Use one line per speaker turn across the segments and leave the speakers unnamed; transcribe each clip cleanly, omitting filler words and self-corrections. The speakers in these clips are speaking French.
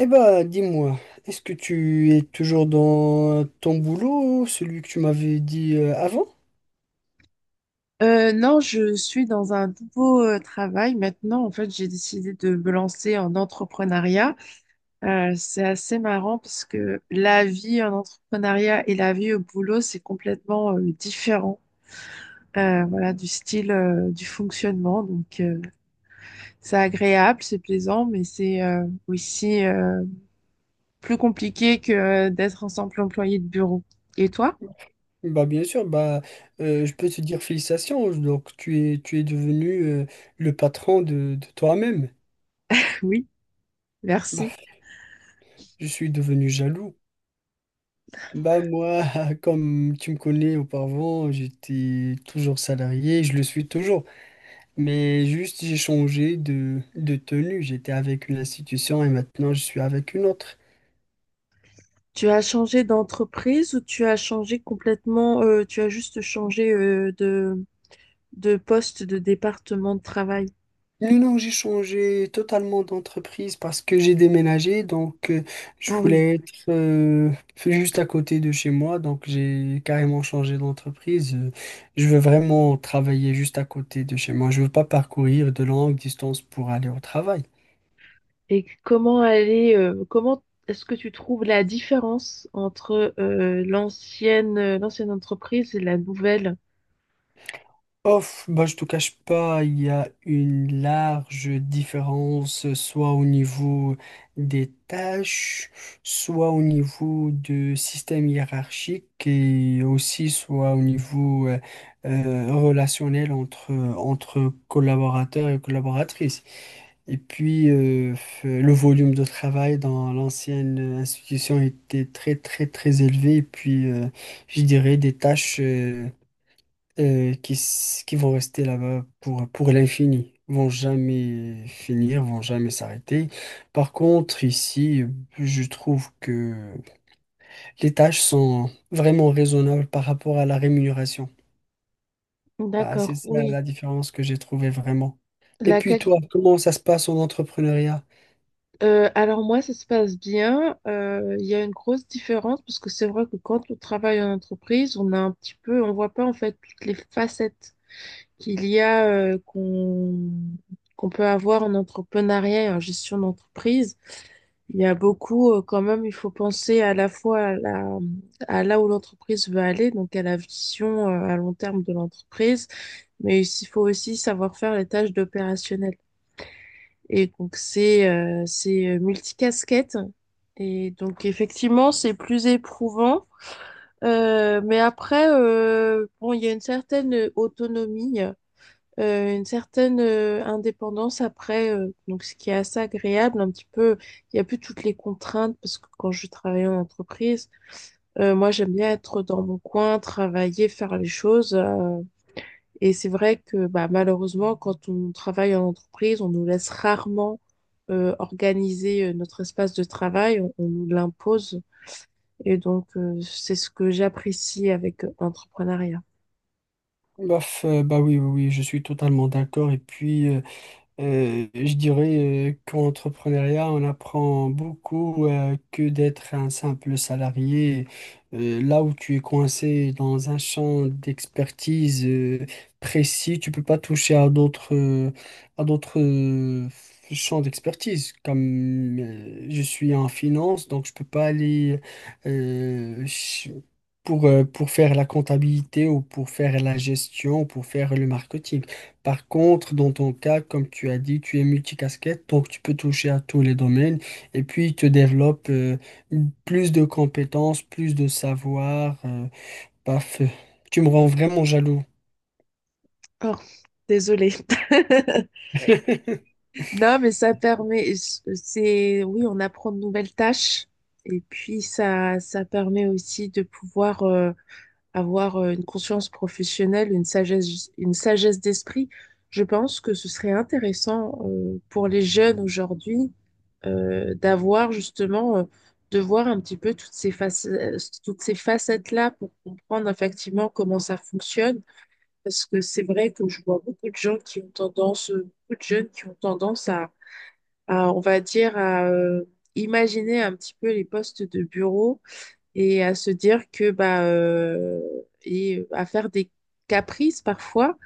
Eh bah, dis-moi, est-ce que tu es toujours dans ton boulot, celui que tu m'avais dit avant?
Non, je suis dans un nouveau travail maintenant. En fait, j'ai décidé de me lancer en entrepreneuriat. C'est assez marrant parce que la vie en entrepreneuriat et la vie au boulot, c'est complètement différent. Voilà, du style, du fonctionnement. Donc, c'est agréable, c'est plaisant, mais c'est aussi plus compliqué que d'être en simple employé de bureau. Et toi?
Bah bien sûr, bah je peux te dire félicitations, donc tu es devenu le patron de toi-même.
Oui,
Bah,
merci.
je suis devenu jaloux. Bah moi, comme tu me connais auparavant, j'étais toujours salarié, je le suis toujours. Mais juste j'ai changé de tenue. J'étais avec une institution et maintenant je suis avec une autre.
Tu as changé d'entreprise ou tu as changé complètement, tu as juste changé de poste, de département de travail?
Non, non, j'ai changé totalement d'entreprise parce que j'ai déménagé, donc je
Ah oui.
voulais être juste à côté de chez moi, donc j'ai carrément changé d'entreprise. Je veux vraiment travailler juste à côté de chez moi. Je veux pas parcourir de longues distances pour aller au travail.
Et comment aller, comment est-ce que tu trouves la différence entre l'ancienne, l'ancienne entreprise et la nouvelle?
Off, bah, je te cache pas, il y a une large différence, soit au niveau des tâches, soit au niveau du système hiérarchique et aussi soit au niveau relationnel entre, entre collaborateurs et collaboratrices. Et puis, le volume de travail dans l'ancienne institution était très, très, très élevé. Et puis, je dirais des tâches. Qui, qui vont rester là-bas pour l'infini, vont jamais finir, vont jamais s'arrêter. Par contre, ici, je trouve que les tâches sont vraiment raisonnables par rapport à la rémunération. Bah, c'est
D'accord,
ça
oui.
la différence que j'ai trouvée vraiment. Et
La
puis
qualité.
toi, comment ça se passe en entrepreneuriat?
Alors moi, ça se passe bien. Il y a une grosse différence parce que c'est vrai que quand on travaille en entreprise, on a un petit peu, on voit pas en fait toutes les facettes qu'il y a qu'on peut avoir en entrepreneuriat et en gestion d'entreprise. Il y a beaucoup, quand même, il faut penser à la fois à là où l'entreprise veut aller, donc à la vision à long terme de l'entreprise, mais il faut aussi savoir faire les tâches d'opérationnel. Et donc c'est multicasquette. Et donc effectivement, c'est plus éprouvant. Mais après, bon, il y a une certaine autonomie une certaine indépendance après, donc ce qui est assez agréable, un petit peu, il n'y a plus toutes les contraintes parce que quand je travaillais en entreprise, moi j'aime bien être dans mon coin, travailler, faire les choses. Et c'est vrai que bah, malheureusement, quand on travaille en entreprise, on nous laisse rarement organiser notre espace de travail, on nous l'impose. Et donc, c'est ce que j'apprécie avec l'entrepreneuriat.
Bof, bah oui, oui, oui, je suis totalement d'accord. Et puis, je dirais qu'en entrepreneuriat, on apprend beaucoup que d'être un simple salarié. Là où tu es coincé dans un champ d'expertise précis, tu peux pas toucher à d'autres à d'autres champs d'expertise. Comme je suis en finance, donc je peux pas aller euh, ch- pour faire la comptabilité ou pour faire la gestion ou pour faire le marketing. Par contre, dans ton cas, comme tu as dit, tu es multicasquette, donc tu peux toucher à tous les domaines et puis tu développes plus de compétences, plus de savoir. paf, Tu me rends vraiment jaloux.
Oh, désolée. Non, mais ça permet, c'est, oui, on apprend de nouvelles tâches et puis ça permet aussi de pouvoir avoir une conscience professionnelle, une sagesse d'esprit. Je pense que ce serait intéressant pour les jeunes aujourd'hui d'avoir justement, de voir un petit peu toutes ces facettes, toutes ces facettes-là pour comprendre effectivement comment ça fonctionne. Parce que c'est vrai que je vois beaucoup de gens qui ont tendance, beaucoup de jeunes qui ont tendance à on va dire, à imaginer un petit peu les postes de bureau et à se dire que, bah, et à faire des caprices parfois,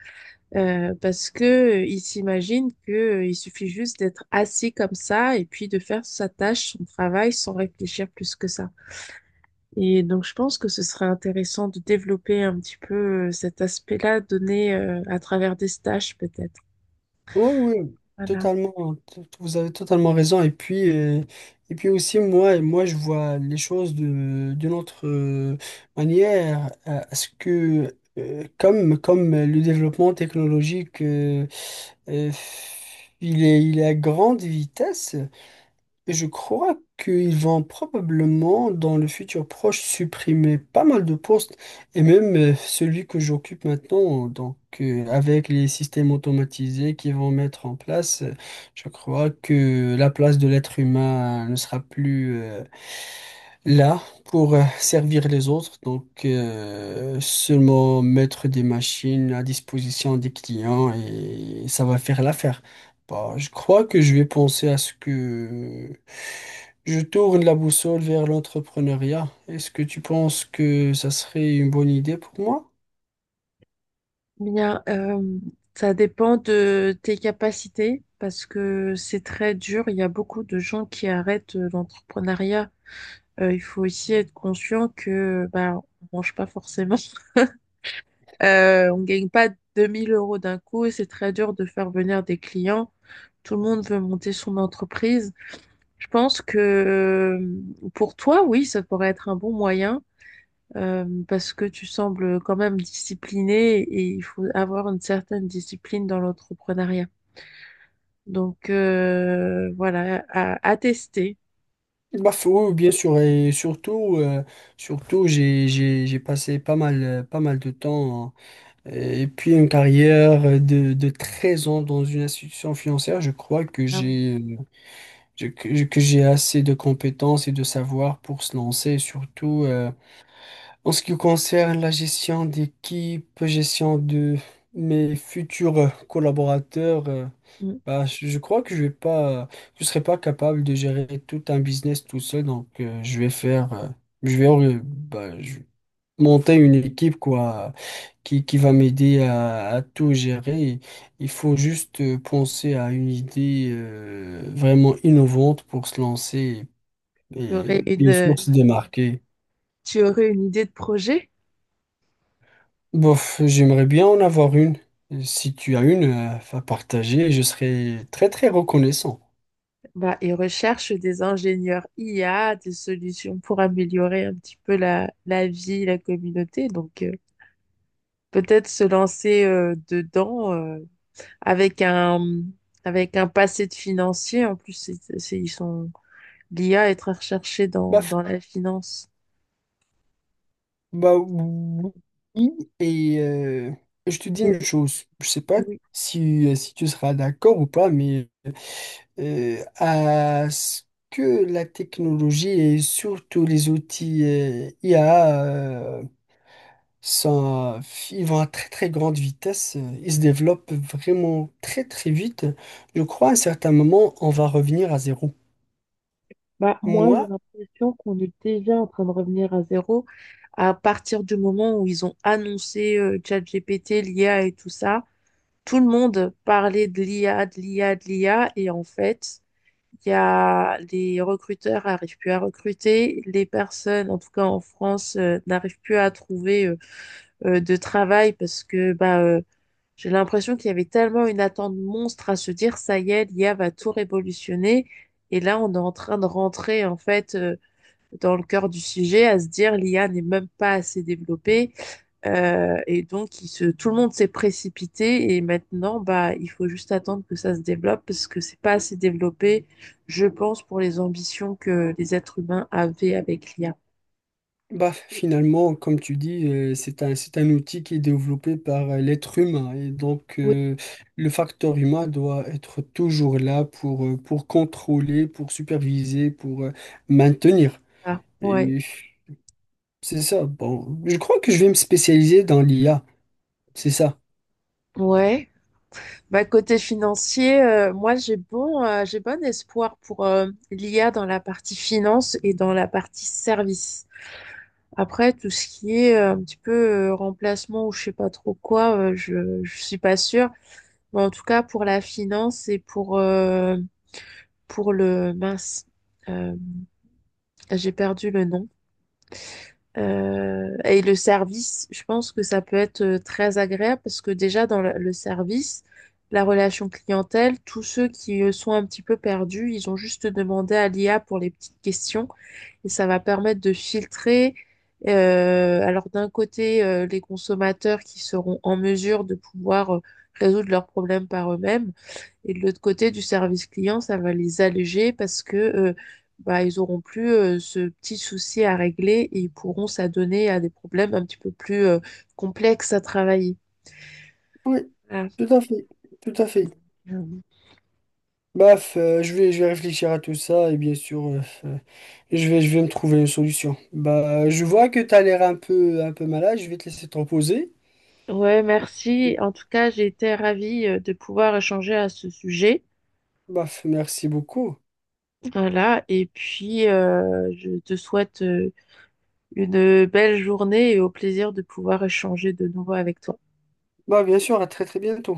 parce que il s'imagine que, il suffit juste d'être assis comme ça et puis de faire sa tâche, son travail, sans réfléchir plus que ça. Et donc, je pense que ce serait intéressant de développer un petit peu cet aspect-là donné à travers des stages, peut-être.
Oui, oui,
Voilà.
totalement. Vous avez totalement raison. Et puis aussi, moi, je vois les choses de, d'une autre manière. À ce que, comme, comme le développement technologique, euh, il est à grande vitesse, mais je crois qu'ils vont probablement, dans le futur proche, supprimer pas mal de postes, et même celui que j'occupe maintenant. Donc, avec les systèmes automatisés qu'ils vont mettre en place, je crois que la place de l'être humain ne sera plus là, pour servir les autres, donc seulement mettre des machines à disposition des clients et ça va faire l'affaire. Bah, je crois que je vais penser à ce que je tourne la boussole vers l'entrepreneuriat. Est-ce que tu penses que ça serait une bonne idée pour moi?
Bien, ça dépend de tes capacités parce que c'est très dur. Il y a beaucoup de gens qui arrêtent l'entrepreneuriat. Il faut aussi être conscient que bah, on mange pas forcément. On gagne pas 2000 euros d'un coup et c'est très dur de faire venir des clients. Tout le monde veut monter son entreprise. Je pense que pour toi, oui, ça pourrait être un bon moyen parce que tu sembles quand même discipliné et il faut avoir une certaine discipline dans l'entrepreneuriat. Donc, voilà, à tester.
Bah, faut, bien sûr, et surtout, surtout j'ai passé pas mal de temps. Euh, Et puis une carrière de 13 ans dans une institution financière, je crois que
Ah oui.
j'ai je- que j'ai assez de compétences et de savoir pour se lancer, et surtout en ce qui concerne la gestion d'équipe, gestion de mes futurs collaborateurs.
Mm.
Bah, je crois que je serai pas capable de gérer tout un business tout seul, donc je vais faire, je vais, bah, je- monter une équipe quoi qui va m'aider à tout gérer. Il faut juste penser à une idée vraiment innovante pour se lancer
Tu aurais
et
Mm.
bien sûr
une,
se démarquer.
tu aurais une idée de projet?
Bof, j'aimerais bien en avoir une. Si tu as une à partager, je serais très très reconnaissant.
Bah, ils recherchent des ingénieurs IA, des solutions pour améliorer un petit peu la vie, la communauté. Donc, peut-être se lancer dedans avec un avec un passé de financier. En plus, c'est- ils sont L'IA est très recherchée dans,
Baf,
dans la finance.
bah oui. Et je te dis
Mais
une chose, je sais pas
oui.
si, si tu seras d'accord ou pas, mais à ce que la technologie et surtout les outils IA sont, ils vont à très très grande vitesse, ils se développent vraiment très très vite. Je crois à un certain moment, on va revenir à zéro.
Bah, moi,
Moi,
j'ai l'impression qu'on est déjà en train de revenir à zéro. À partir du moment où ils ont annoncé ChatGPT, l'IA et tout ça, tout le monde parlait de l'IA, de l'IA, de l'IA. Et en fait, il y a les recruteurs n'arrivent plus à recruter. Les personnes, en tout cas en France, n'arrivent plus à trouver de travail parce que bah, j'ai l'impression qu'il y avait tellement une attente monstre à se dire, ça y est, l'IA va tout révolutionner. Et là, on est en train de rentrer, en fait, dans le cœur du sujet, à se dire, l'IA n'est même pas assez développée. Et donc, tout le monde s'est précipité. Et maintenant, bah, il faut juste attendre que ça se développe parce que c'est pas assez développé, je pense, pour les ambitions que les êtres humains avaient avec l'IA.
bah, finalement, comme tu dis, c'est c'est un outil qui est développé par l'être humain et donc
Oui,
le facteur humain doit être toujours là pour contrôler, pour superviser, pour maintenir.
ah,
Et
ouais.
c'est ça. Bon, je crois que je vais me spécialiser dans l'IA. C'est ça.
Ouais. Bah, côté financier, moi j'ai bon espoir pour l'IA dans la partie finance et dans la partie service. Après, tout ce qui est un petit peu remplacement ou je sais pas trop quoi, je suis pas sûre. Mais en tout cas, pour la finance et pour le mince, euh, j'ai perdu le nom. Et le service, je pense que ça peut être très agréable parce que déjà dans le service, la relation clientèle, tous ceux qui sont un petit peu perdus, ils ont juste demandé à l'IA pour les petites questions et ça va permettre de filtrer. Alors d'un côté, les consommateurs qui seront en mesure de pouvoir résoudre leurs problèmes par eux-mêmes et de l'autre côté du service client, ça va les alléger parce que bah, ils auront plus ce petit souci à régler et ils pourront s'adonner à des problèmes un petit peu plus complexes à travailler.
Oui,
Voilà.
tout à fait. Tout à fait.
Mm.
Baf, je vais réfléchir à tout ça et bien sûr, je vais me trouver une solution. Bah, je vois que tu as l'air un peu malade. Je vais te laisser te reposer.
Ouais, merci. En tout cas, j'ai été ravie de pouvoir échanger à ce sujet.
Baf, merci beaucoup.
Voilà, et puis je te souhaite une belle journée et au plaisir de pouvoir échanger de nouveau avec toi.
Bah, bien sûr, à très très bientôt.